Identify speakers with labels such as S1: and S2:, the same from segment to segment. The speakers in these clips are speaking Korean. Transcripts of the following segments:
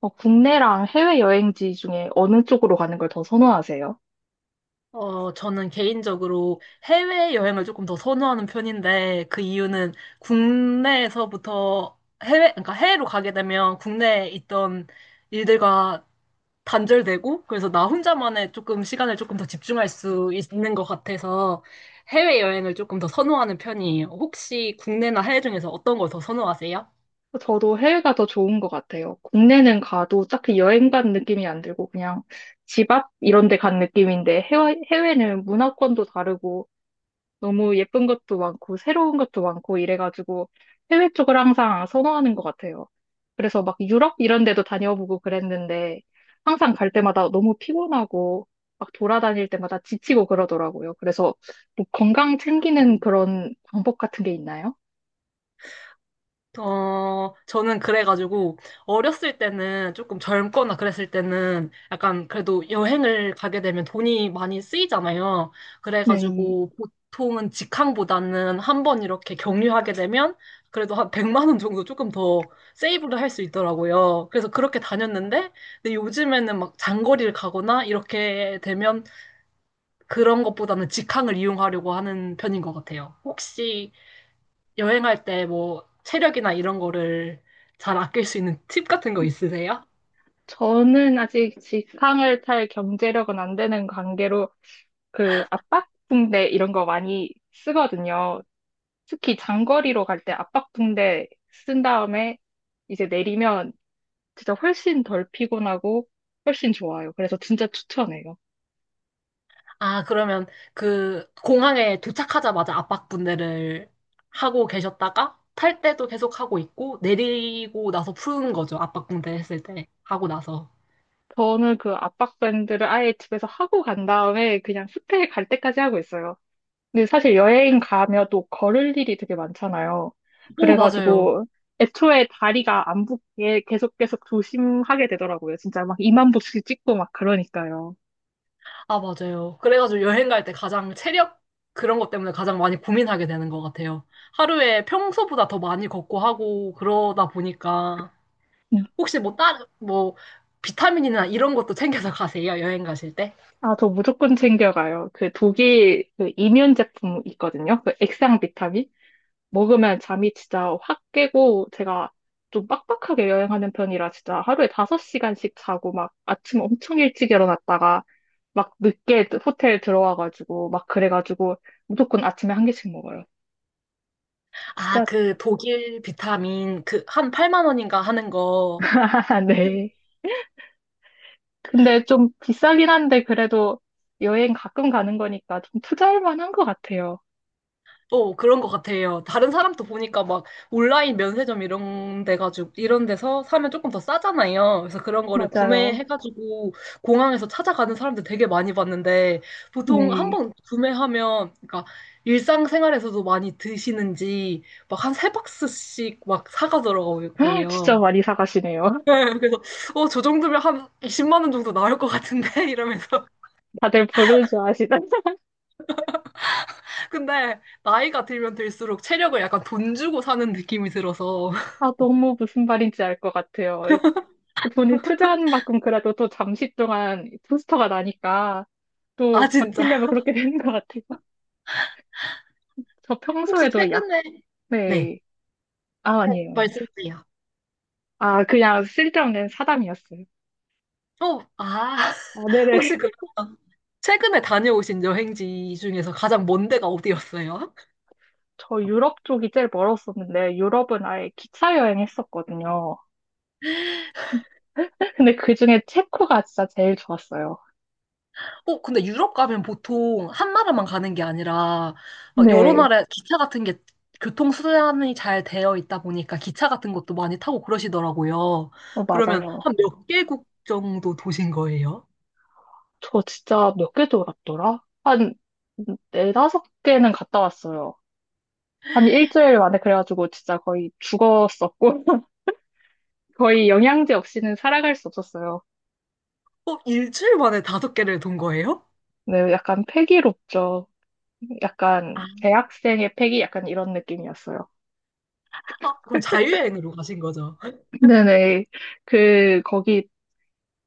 S1: 국내랑 해외 여행지 중에 어느 쪽으로 가는 걸 더 선호하세요?
S2: 어, 저는 개인적으로 해외여행을 조금 더 선호하는 편인데, 그 이유는 국내에서부터 해외, 그러니까 해외로 가게 되면 국내에 있던 일들과 단절되고, 그래서 나 혼자만의 조금 시간을 조금 더 집중할 수 있는 것 같아서 해외여행을 조금 더 선호하는 편이에요. 혹시 국내나 해외 중에서 어떤 걸 더 선호하세요?
S1: 저도 해외가 더 좋은 것 같아요. 국내는 가도 딱히 여행 간 느낌이 안 들고 그냥 집 앞 이런 데 간 느낌인데 해외는 문화권도 다르고 너무 예쁜 것도 많고 새로운 것도 많고 이래가지고 해외 쪽을 항상 선호하는 것 같아요. 그래서 막 유럽 이런 데도 다녀보고 그랬는데 항상 갈 때마다 너무 피곤하고 막 돌아다닐 때마다 지치고 그러더라고요. 그래서 뭐 건강 챙기는 그런 방법 같은 게 있나요?
S2: 어, 저는 그래가지고, 어렸을 때는 조금 젊거나 그랬을 때는 약간 그래도 여행을 가게 되면 돈이 많이 쓰이잖아요.
S1: 네,
S2: 그래가지고, 보통은 직항보다는 한 번 이렇게 경유하게 되면 그래도 한 100만 원 정도 조금 더 세이브를 할 수 있더라고요. 그래서 그렇게 다녔는데, 근데 요즘에는 막 장거리를 가거나 이렇게 되면 그런 것보다는 직항을 이용하려고 하는 편인 것 같아요. 혹시 여행할 때 뭐 체력이나 이런 거를 잘 아낄 수 있는 팁 같은 거 있으세요?
S1: 저는 아직 직항을 탈 경제력은 안 되는 관계로 그 압박붕대 이런 거 많이 쓰거든요. 특히 장거리로 갈 때 압박붕대 쓴 다음에 이제 내리면 진짜 훨씬 덜 피곤하고 훨씬 좋아요. 그래서 진짜 추천해요.
S2: 아, 그러면 그 공항에 도착하자마자 압박분대를 하고 계셨다가 탈 때도 계속 하고 있고 내리고 나서 푸는 거죠. 압박분대 했을 때 하고 나서.
S1: 저는 그 압박밴드를 아예 집에서 하고 간 다음에 그냥 호텔 갈 때까지 하고 있어요. 근데 사실 여행 가면 또 걸을 일이 되게 많잖아요.
S2: 오, 맞아요.
S1: 그래가지고 애초에 다리가 안 붓게 계속 계속 조심하게 되더라고요. 진짜 막 2만 보씩 찍고 막 그러니까요.
S2: 아, 맞아요. 그래가지고 여행 갈 때 가장 체력 그런 것 때문에 가장 많이 고민하게 되는 것 같아요. 하루에 평소보다 더 많이 걷고 하고 그러다 보니까 혹시 뭐 다른 뭐 비타민이나 이런 것도 챙겨서 가세요? 여행 가실 때?
S1: 아, 저 무조건 챙겨가요. 그 독일 그 이면 제품 있거든요. 그 액상 비타민. 먹으면 잠이 진짜 확 깨고 제가 좀 빡빡하게 여행하는 편이라 진짜 하루에 5시간씩 자고 막 아침 엄청 일찍 일어났다가 막 늦게 호텔 들어와가지고 막 그래가지고 무조건 아침에 한 개씩 먹어요.
S2: 아,
S1: 진짜.
S2: 그 독일 비타민 그 한 8만 원인가 하는 거.
S1: 네. 근데 좀 비싸긴 한데 그래도 여행 가끔 가는 거니까 좀 투자할 만한 것 같아요.
S2: 또 그런 것 같아요. 다른 사람도 보니까 막 온라인 면세점 이런 데 가지고 이런 데서 사면 조금 더 싸잖아요. 그래서 그런 거를
S1: 맞아요.
S2: 구매해가지고 공항에서 찾아가는 사람들 되게 많이 봤는데 보통 한
S1: 네.
S2: 번 구매하면 그러니까 일상생활에서도 많이 드시는지 막 한 세 박스씩 막
S1: 진짜
S2: 사가더라고요.
S1: 많이 사가시네요.
S2: 네, 그래서 어, 저 정도면 한 20만 원 정도 나올 것 같은데 이러면서
S1: 다들 부르주 아시나?
S2: 근데 나이가 들면 들수록 체력을 약간 돈 주고 사는 느낌이 들어서
S1: 아, 너무 무슨 말인지 알 것 같아요. 돈을 투자한 만큼 그래도 또 잠시 동안 부스터가 나니까 또
S2: 아 진짜
S1: 버티려면 그렇게 되는 것 같아요. 저
S2: 혹시
S1: 평소에도 약,
S2: 최근에 네
S1: 네. 아, 아니에요, 아니에요.
S2: 말씀드려
S1: 아, 그냥 쓸데없는 사담이었어요.
S2: 어, 아
S1: 아, 네네.
S2: 혹시 그럼 최근에 다녀오신 여행지 중에서 가장 먼 데가 어디였어요?
S1: 저 유럽 쪽이 제일 멀었었는데, 유럽은 아예 기차 여행했었거든요. 근데 그중에 체코가 진짜 제일 좋았어요.
S2: 어, 근데 유럽 가면 보통 한 나라만 가는 게 아니라 막 여러
S1: 네,
S2: 나라 기차 같은 게 교통수단이 잘 되어 있다 보니까 기차 같은 것도 많이 타고 그러시더라고요.
S1: 어,
S2: 그러면
S1: 맞아요.
S2: 한 몇 개국 정도 도신 거예요?
S1: 저 진짜 몇 개 돌았더라? 한 네다섯 개는 갔다 왔어요. 한 일주일 만에 그래가지고 진짜 거의 죽었었고, 거의 영양제 없이는 살아갈 수 없었어요.
S2: 어, 일주일 만에 다섯 개를 돈 거예요?
S1: 네, 약간 패기롭죠. 약간 대학생의 패기 약간 이런 느낌이었어요.
S2: 아, 그럼 자유여행으로 가신 거죠?
S1: 네네. 그, 거기,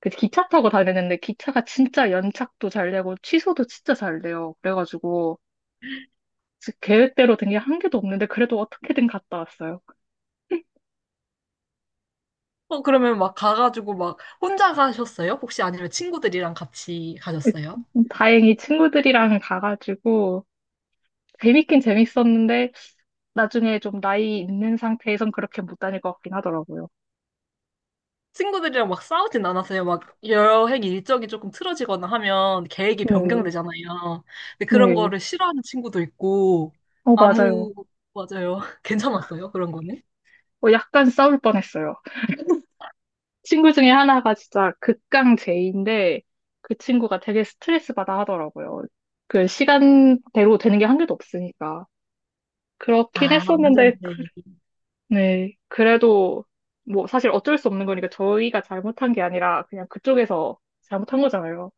S1: 그 기차 타고 다니는데 기차가 진짜 연착도 잘 되고 취소도 진짜 잘 돼요. 그래가지고 계획대로 된 게 한 개도 없는데 그래도 어떻게든 갔다 왔어요.
S2: 어, 그러면 막 가가지고 막 혼자 가셨어요? 혹시 아니면 친구들이랑 같이 가셨어요?
S1: 다행히 친구들이랑 가가지고 재밌긴 재밌었는데 나중에 좀 나이 있는 상태에선 그렇게 못 다닐 것 같긴 하더라고요.
S2: 친구들이랑 막 싸우진 않았어요. 막 여행 일정이 조금 틀어지거나 하면 계획이
S1: 네,
S2: 변경되잖아요. 근데 그런
S1: 네.
S2: 거를 싫어하는 친구도 있고,
S1: 어, 맞아요.
S2: 아무, 맞아요. 괜찮았어요. 그런 거는.
S1: 어, 약간 싸울 뻔했어요. 친구 중에 하나가 진짜 극강 제이인데 그 친구가 되게 스트레스 받아 하더라고요. 그 시간대로 되는 게 한 개도 없으니까. 그렇긴
S2: 아, 완전
S1: 했었는데,
S2: 대
S1: 그, 네. 그래도 뭐 사실 어쩔 수 없는 거니까 저희가 잘못한 게 아니라 그냥 그쪽에서 잘못한 거잖아요.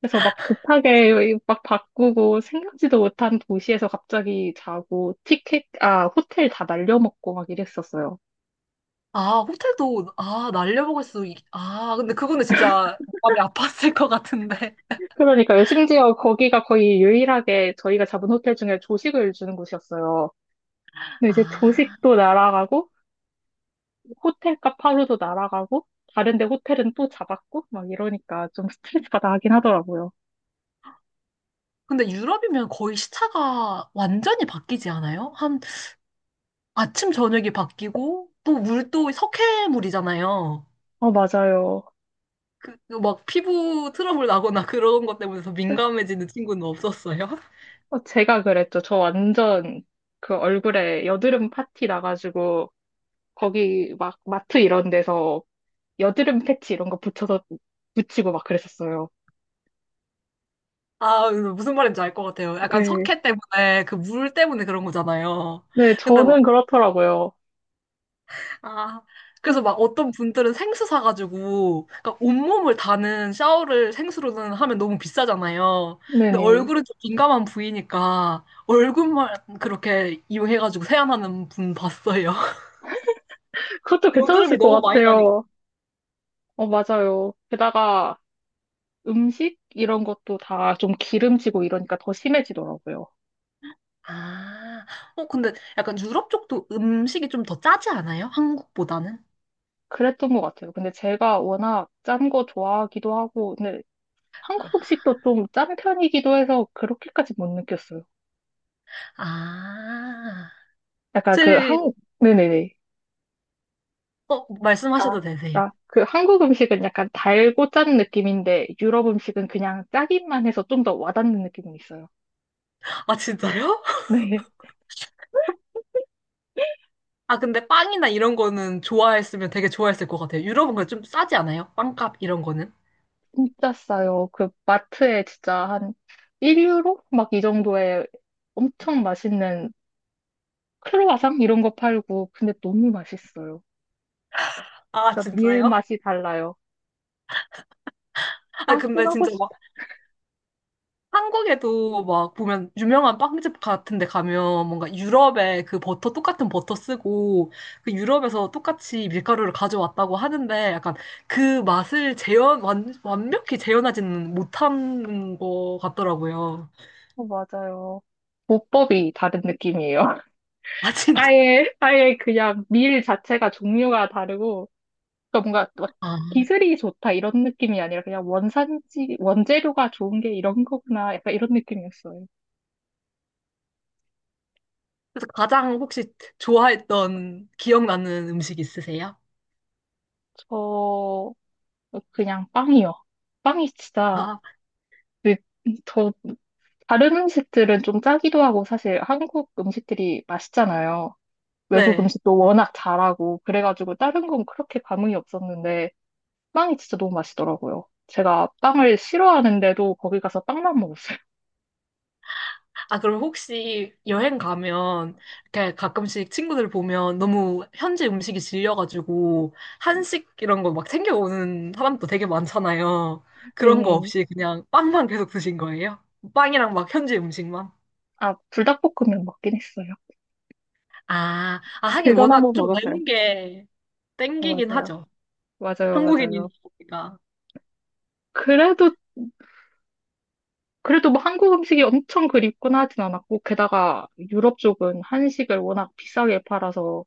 S1: 그래서 막 급하게 막 바꾸고 생각지도 못한 도시에서 갑자기 자고 티켓, 아, 호텔 다 날려먹고 막 이랬었어요.
S2: 아, 호텔도, 아, 아, 근데 그거는 진짜 마음이 아팠을 것 같은데.
S1: 그러니까요. 심지어 거기가 거의 유일하게 저희가 잡은 호텔 중에 조식을 주는 곳이었어요. 근데 이제
S2: 아,
S1: 조식도 날아가고 호텔값 하루도 날아가고 다른 데 호텔은 또 잡았고 막 이러니까 좀 스트레스 받아 하긴 하더라고요.
S2: 근데 유럽이면 거의 시차가 완전히 바뀌지 않아요? 한 아침, 저녁이 바뀌고, 또 물도 석회물이잖아요.
S1: 어, 맞아요.
S2: 그, 그막 피부 트러블 나거나 그런 것 때문에 더 민감해지는 친구는 없었어요?
S1: 어, 제가 그랬죠. 저 완전 그 얼굴에 여드름 파티 나가지고 거기 막 마트 이런 데서 여드름 패치 이런 거 붙여서 붙이고 막 그랬었어요.
S2: 아, 무슨 말인지 알 것 같아요. 약간
S1: 네.
S2: 석회 때문에, 그 물 때문에 그런 거잖아요.
S1: 네,
S2: 근데
S1: 저는
S2: 막,
S1: 그렇더라고요.
S2: 아, 그래서 막 어떤 분들은 생수 사가지고, 그러니까 온몸을 다는 샤워를 생수로는 하면 너무 비싸잖아요. 근데
S1: 네네.
S2: 얼굴은 좀 민감한 부위니까, 얼굴만 그렇게 이용해가지고 세안하는 분 봤어요.
S1: 그것도 괜찮았을
S2: 여드름이
S1: 것
S2: 너무 많이 나니까.
S1: 같아요. 어, 맞아요. 게다가 음식 이런 것도 다 좀 기름지고 이러니까 더 심해지더라고요.
S2: 아, 어, 근데 약간 유럽 쪽도 음식이 좀 더 짜지 않아요? 한국보다는?
S1: 그랬던 것 같아요. 근데 제가 워낙 짠 거 좋아하기도 하고, 근데 한국 음식도 좀 짠 편이기도 해서 그렇게까지 못 느꼈어요.
S2: 아,
S1: 약간 그
S2: 제,
S1: 한, 네네네.
S2: 어,
S1: 아,
S2: 말씀하셔도 되세요.
S1: 아, 그 한국 음식은 약간 달고 짠 느낌인데 유럽 음식은 그냥 짜기만 해서 좀 더 와닿는 느낌은 있어요.
S2: 아, 진짜요?
S1: 네,
S2: 아, 근데 빵이나 이런 거는 좋아했으면 되게 좋아했을 것 같아요. 유럽은 그좀 싸지 않아요? 빵값 이런 거는?
S1: 진짜 싸요. 그 마트에 진짜 한 1유로? 막 이 정도에 엄청 맛있는 크로와상 이런 거 팔고 근데 너무 맛있어요.
S2: 아,
S1: 진짜 밀
S2: 진짜요?
S1: 맛이 달라요.
S2: 아,
S1: 아, 또
S2: 근데
S1: 가고
S2: 진짜 막
S1: 싶다.
S2: 한국에도 막 보면 유명한 빵집 같은 데 가면 뭔가 유럽의 그 버터 똑같은 버터 쓰고 그 유럽에서 똑같이 밀가루를 가져왔다고 하는데 약간 그 맛을 재현 완벽히 재현하지는 못한 것 같더라고요.
S1: 어, 맞아요. 보법이 다른 느낌이에요.
S2: 아 진짜.
S1: 아예, 아예 그냥 밀 자체가 종류가 다르고 그러니까 뭔가 막
S2: 아,
S1: 기술이 좋다 이런 느낌이 아니라 그냥 원산지, 원재료가 좋은 게 이런 거구나. 약간 이런 느낌이었어요.
S2: 그래서 가장 혹시 좋아했던 기억나는 음식 있으세요?
S1: 저, 그냥 빵이요. 빵이 진짜,
S2: 아,
S1: 그- 저, 다른 음식들은 좀 짜기도 하고 사실 한국 음식들이 맛있잖아요. 외국
S2: 네.
S1: 음식도 워낙 잘하고, 그래가지고 다른 건 그렇게 감흥이 없었는데, 빵이 진짜 너무 맛있더라고요. 제가 빵을 싫어하는데도 거기 가서 빵만 먹었어요.
S2: 아, 그럼 혹시 여행 가면 이렇게 가끔씩 친구들 보면 너무 현지 음식이 질려가지고 한식 이런 거 막 챙겨오는 사람도 되게 많잖아요. 그런 거
S1: 네네.
S2: 없이 그냥 빵만 계속 드신 거예요? 빵이랑 막 현지 음식만?
S1: 아, 불닭볶음면 먹긴 했어요.
S2: 아 아 하긴
S1: 그건 한번
S2: 워낙 좀
S1: 먹었어요.
S2: 매운 게
S1: 어,
S2: 땡기긴
S1: 맞아요.
S2: 하죠.
S1: 맞아요, 맞아요.
S2: 한국인이니까.
S1: 그래도, 그래도 뭐 한국 음식이 엄청 그립거나 하진 않았고, 게다가 유럽 쪽은 한식을 워낙 비싸게 팔아서,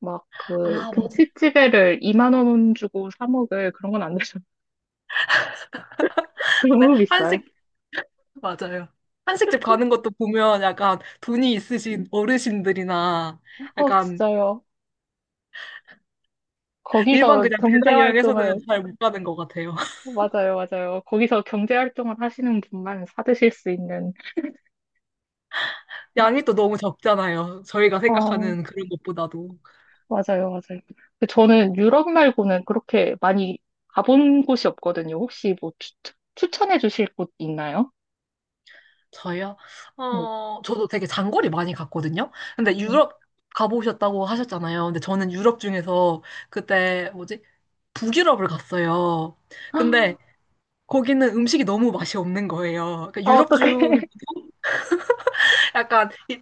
S1: 막 그,
S2: 아, 맞아.
S1: 김치찌개를 2만 원 주고 사 먹을 그런 건 안 되죠.
S2: 근데
S1: 너무 비싸요.
S2: 한식, 맞아요. 한식집 가는 것도 보면 약간 돈이 있으신 어르신들이나
S1: 어,
S2: 약간
S1: 진짜요.
S2: 일반
S1: 거기서
S2: 그냥 배낭 여행에서는
S1: 경제활동을,
S2: 잘 못 가는 것 같아요.
S1: 맞아요, 맞아요. 거기서 경제활동을 하시는 분만 사드실 수 있는,
S2: 양이 또 너무 적잖아요. 저희가
S1: 어,
S2: 생각하는 그런 것보다도.
S1: 맞아요, 맞아요. 근데 저는 유럽 말고는 그렇게 많이 가본 곳이 없거든요. 혹시 뭐 추천해 주실 곳 있나요?
S2: 저요?
S1: 네.
S2: 어, 저도 되게 장거리 많이 갔거든요. 근데 유럽 가보셨다고 하셨잖아요. 근데 저는 유럽 중에서 그때 뭐지? 북유럽을 갔어요.
S1: 아,
S2: 근데 거기는 음식이 너무 맛이 없는 거예요. 그러니까 유럽
S1: 어떡해.
S2: 중에 약간 이,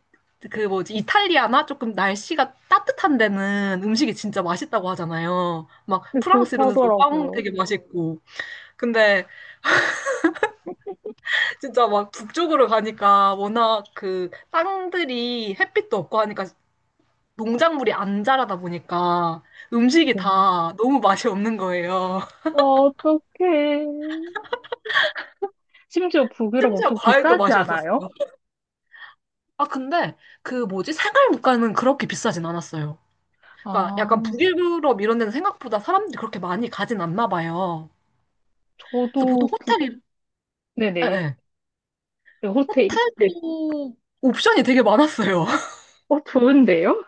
S2: 그 뭐지 이탈리아나 조금 날씨가 따뜻한 데는 음식이 진짜 맛있다고 하잖아요. 막
S1: 네,
S2: 프랑스 이런 데도 빵
S1: 그렇다더라고요.
S2: 되게 맛있고. 근데 진짜 막 북쪽으로 가니까 워낙 그 땅들이 햇빛도 없고 하니까 농작물이 안 자라다 보니까 음식이
S1: 네.
S2: 다 너무 맛이 없는 거예요.
S1: 아, 어떡해. 심지어 북유럽
S2: 심지어
S1: 엄청
S2: 과일도
S1: 비싸지
S2: 맛이
S1: 않아요?
S2: 없었어요. 아 근데 그 뭐지 생활 물가는 그렇게 비싸진 않았어요. 그러니까
S1: 아,
S2: 약간 북유럽 이런 데는 생각보다 사람들이 그렇게 많이 가진 않나 봐요. 그래서 보통
S1: 저도 북,
S2: 호텔이, 예,
S1: 네네.
S2: 예.
S1: 네, 호텔이. 네.
S2: 호텔도 옵션이 되게 많았어요.
S1: 어, 좋은데요?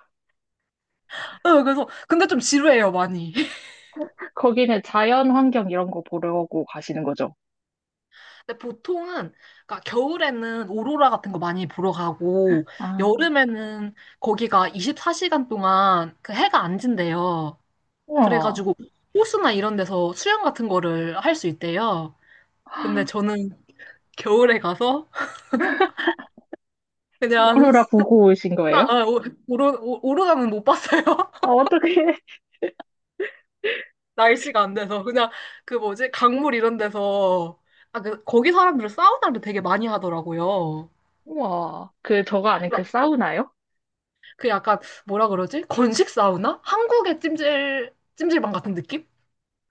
S2: 예, 그래서, 근데 좀 지루해요, 많이.
S1: 거기는 자연 환경 이런 거 보려고 가시는 거죠?
S2: 근데 보통은, 그러니까 겨울에는 오로라 같은 거 많이 보러 가고,
S1: 아.
S2: 여름에는 거기가 24시간 동안 그 해가 안 진대요.
S1: 와,
S2: 그래가지고 호수나 이런 데서 수영 같은 거를 할 수 있대요. 근데 저는 겨울에 가서 그냥
S1: 오로라 보고 오신
S2: 나
S1: 거예요?
S2: 오로라는 못 봤어요.
S1: 아, 어떡해.
S2: 날씨가 안 돼서 그냥 그 뭐지 강물 이런 데서 아, 그 거기 사람들은 사우나를 되게 많이 하더라고요.
S1: 우와, 그 저거 아닌 그
S2: 막
S1: 사우나요?
S2: 그 약간 뭐라 그러지? 건식 사우나? 한국의 찜질방 같은 느낌?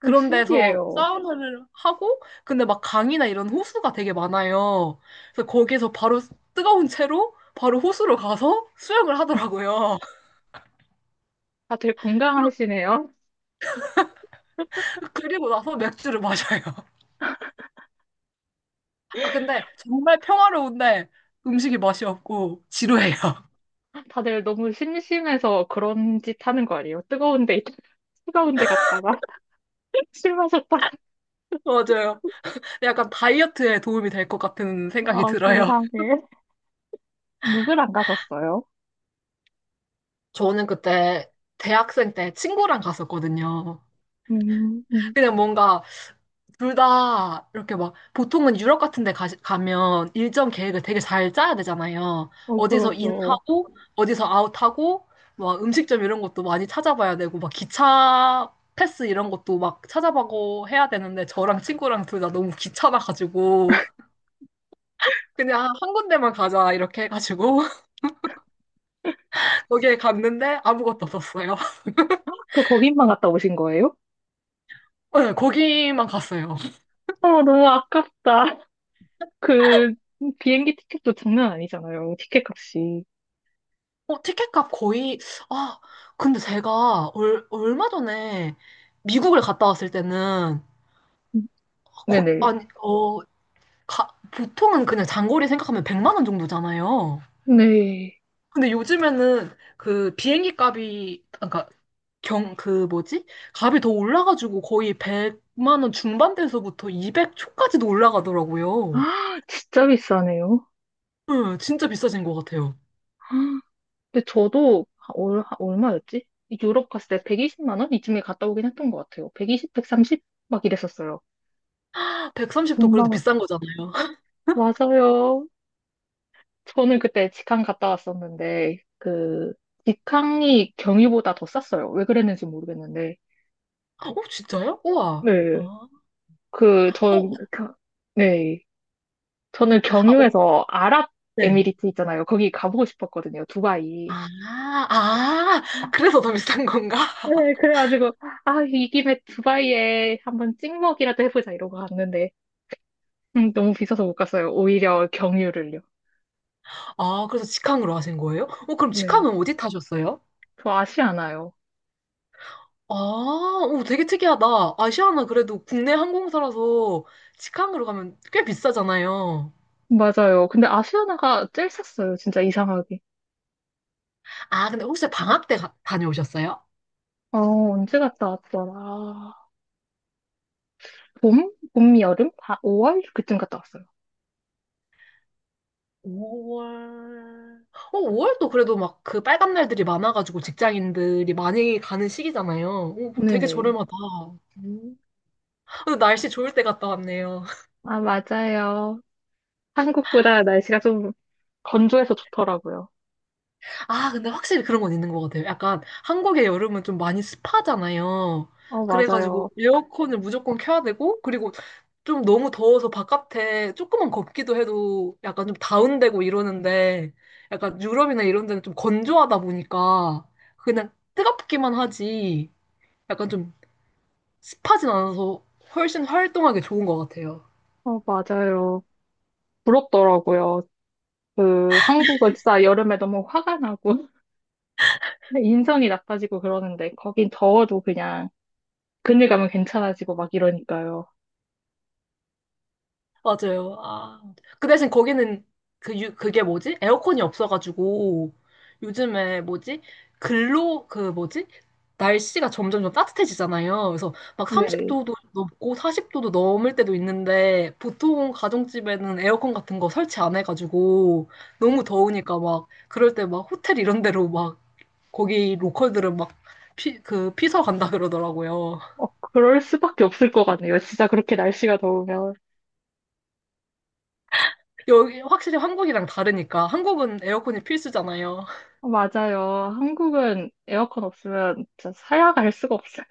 S1: 오,
S2: 데서
S1: 신기해요.
S2: 사우나를 하고 근데 막 강이나 이런 호수가 되게 많아요. 그래서 거기서 바로 뜨거운 채로 바로 호수로 가서 수영을 하더라고요.
S1: 다들 건강하시네요.
S2: 그리고 나서 맥주를 마셔요. 아 근데 정말 평화로운데 음식이 맛이 없고 지루해요.
S1: 다들 너무 심심해서 그런 짓 하는 거 아니에요? 뜨거운 데, 뜨거운 데 갔다가 술 마셨다가.
S2: 맞아요. 약간 다이어트에 도움이 될 것 같은 생각이
S1: 아,
S2: 들어요.
S1: 세상에. 누굴 안 가셨어요?
S2: 저는 그때 대학생 때 친구랑 갔었거든요.
S1: 음, 음.
S2: 그냥 뭔가 둘 다 이렇게 막 보통은 유럽 같은 데 가면 일정 계획을 되게 잘 짜야 되잖아요.
S1: 어,
S2: 어디서
S1: 그렇죠.
S2: 인하고 어디서 아웃하고 막 음식점 이런 것도 많이 찾아봐야 되고 막 기차 패스 이런 것도 막 찾아보고 해야 되는데 저랑 친구랑 둘 다 너무 귀찮아가지고 그냥 한 군데만 가자 이렇게 해가지고 거기에 갔는데 아무것도 없었어요.
S1: 그럼 거기만 갔다 오신 거예요?
S2: 네, 거기만 갔어요.
S1: 어, 너무 아깝다. 그 비행기 티켓도 장난 아니잖아요. 티켓 값이.
S2: 어, 티켓값 거의, 아, 근데 제가 얼마 전에 미국을 갔다 왔을 때는,
S1: 음.
S2: 거,
S1: 네네.
S2: 아니, 어, 가, 보통은 그냥 장거리 생각하면 100만 원 정도잖아요.
S1: 네.
S2: 근데 요즘에는 그 비행기 값이, 그러니까 그 뭐지? 값이 더 올라가지고 거의 100만 원 중반대에서부터 200 초까지도 올라가더라고요.
S1: 아, 진짜 비싸네요.
S2: 네, 진짜 비싸진 것 같아요.
S1: 근데 저도 얼마였지? 유럽 갔을 때 120만 원? 이쯤에 갔다 오긴 했던 것 같아요. 120, 130? 막 이랬었어요.
S2: 130도 그래도
S1: 엄마,
S2: 비싼 거잖아요.
S1: 맞아요. 저는 그때 직항 갔다 왔었는데, 그, 직항이 경유보다 더 쌌어요. 왜 그랬는지 모르겠는데.
S2: 어, 진짜요? 우와.
S1: 네.
S2: 아.
S1: 그, 저,
S2: 어,
S1: 겨- 네. 저는
S2: 아, 오,
S1: 경유에서
S2: 네.
S1: 아랍에미리트 있잖아요. 거기 가보고 싶었거든요. 두바이.
S2: 아, 아, 그래서 더 비싼 건가?
S1: 네, 그래가지고, 아, 이 김에 두바이에 한번 찍먹이라도 해보자 이러고 갔는데, 너무 비싸서 못 갔어요. 오히려 경유를요.
S2: 아, 그래서 직항으로 하신 거예요? 어, 그럼
S1: 네.
S2: 직항은 어디 타셨어요?
S1: 저 아시아나요.
S2: 아, 오, 되게 특이하다. 아시아나 그래도 국내 항공사라서 직항으로 가면 꽤 비싸잖아요.
S1: 맞아요. 근데 아시아나가 제일 쌌어요. 진짜 이상하게.
S2: 아, 근데 혹시 방학 때 다녀오셨어요?
S1: 어, 언제 갔다 왔더라. 봄? 봄, 여름? 다 5월? 그쯤 갔다 왔어요.
S2: 5월. 어, 5월도 그래도 막 그 빨간 날들이 많아가지고 직장인들이 많이 가는 시기잖아요. 오, 그럼 되게
S1: 네네.
S2: 저렴하다. 음. 근데 날씨 좋을 때 갔다 왔네요.
S1: 아, 맞아요. 한국보다 날씨가 좀 건조해서 좋더라고요.
S2: 아, 근데 확실히 그런 건 있는 것 같아요. 약간 한국의 여름은 좀 많이 습하잖아요.
S1: 어,
S2: 그래가지고
S1: 맞아요.
S2: 에어컨을 무조건 켜야 되고, 그리고 좀 너무 더워서 바깥에 조금만 걷기도 해도 약간 좀 다운되고 이러는데, 약간 유럽이나 이런 데는 좀 건조하다 보니까 그냥 뜨겁기만 하지, 약간 좀 습하진 않아서 훨씬 활동하기 좋은 것 같아요.
S1: 어, 맞아요. 부럽더라고요. 그, 한국은 진짜 여름에 너무 화가 나고 인성이 나빠지고 그러는데, 거긴 더워도 그냥 그늘 가면 괜찮아지고 막 이러니까요.
S2: 맞아요. 아, 그 대신 거기는 그 유, 그게 뭐지? 에어컨이 없어가지고 요즘에 뭐지? 글로 그 뭐지? 날씨가 점점 점 따뜻해지잖아요. 그래서 막
S1: 네네.
S2: 30도도 넘고 40도도 넘을 때도 있는데 보통 가정집에는 에어컨 같은 거 설치 안 해가지고 너무 더우니까 막 그럴 때 막 호텔 이런 데로 막 거기 로컬들은 막 그 피서 간다 그러더라고요.
S1: 어, 그럴 수밖에 없을 것 같네요. 진짜 그렇게 날씨가 더우면.
S2: 여기 확실히 한국이랑 다르니까 한국은 에어컨이 필수잖아요.
S1: 어, 맞아요. 한국은 에어컨 없으면 진짜 살아갈 수가 없어요.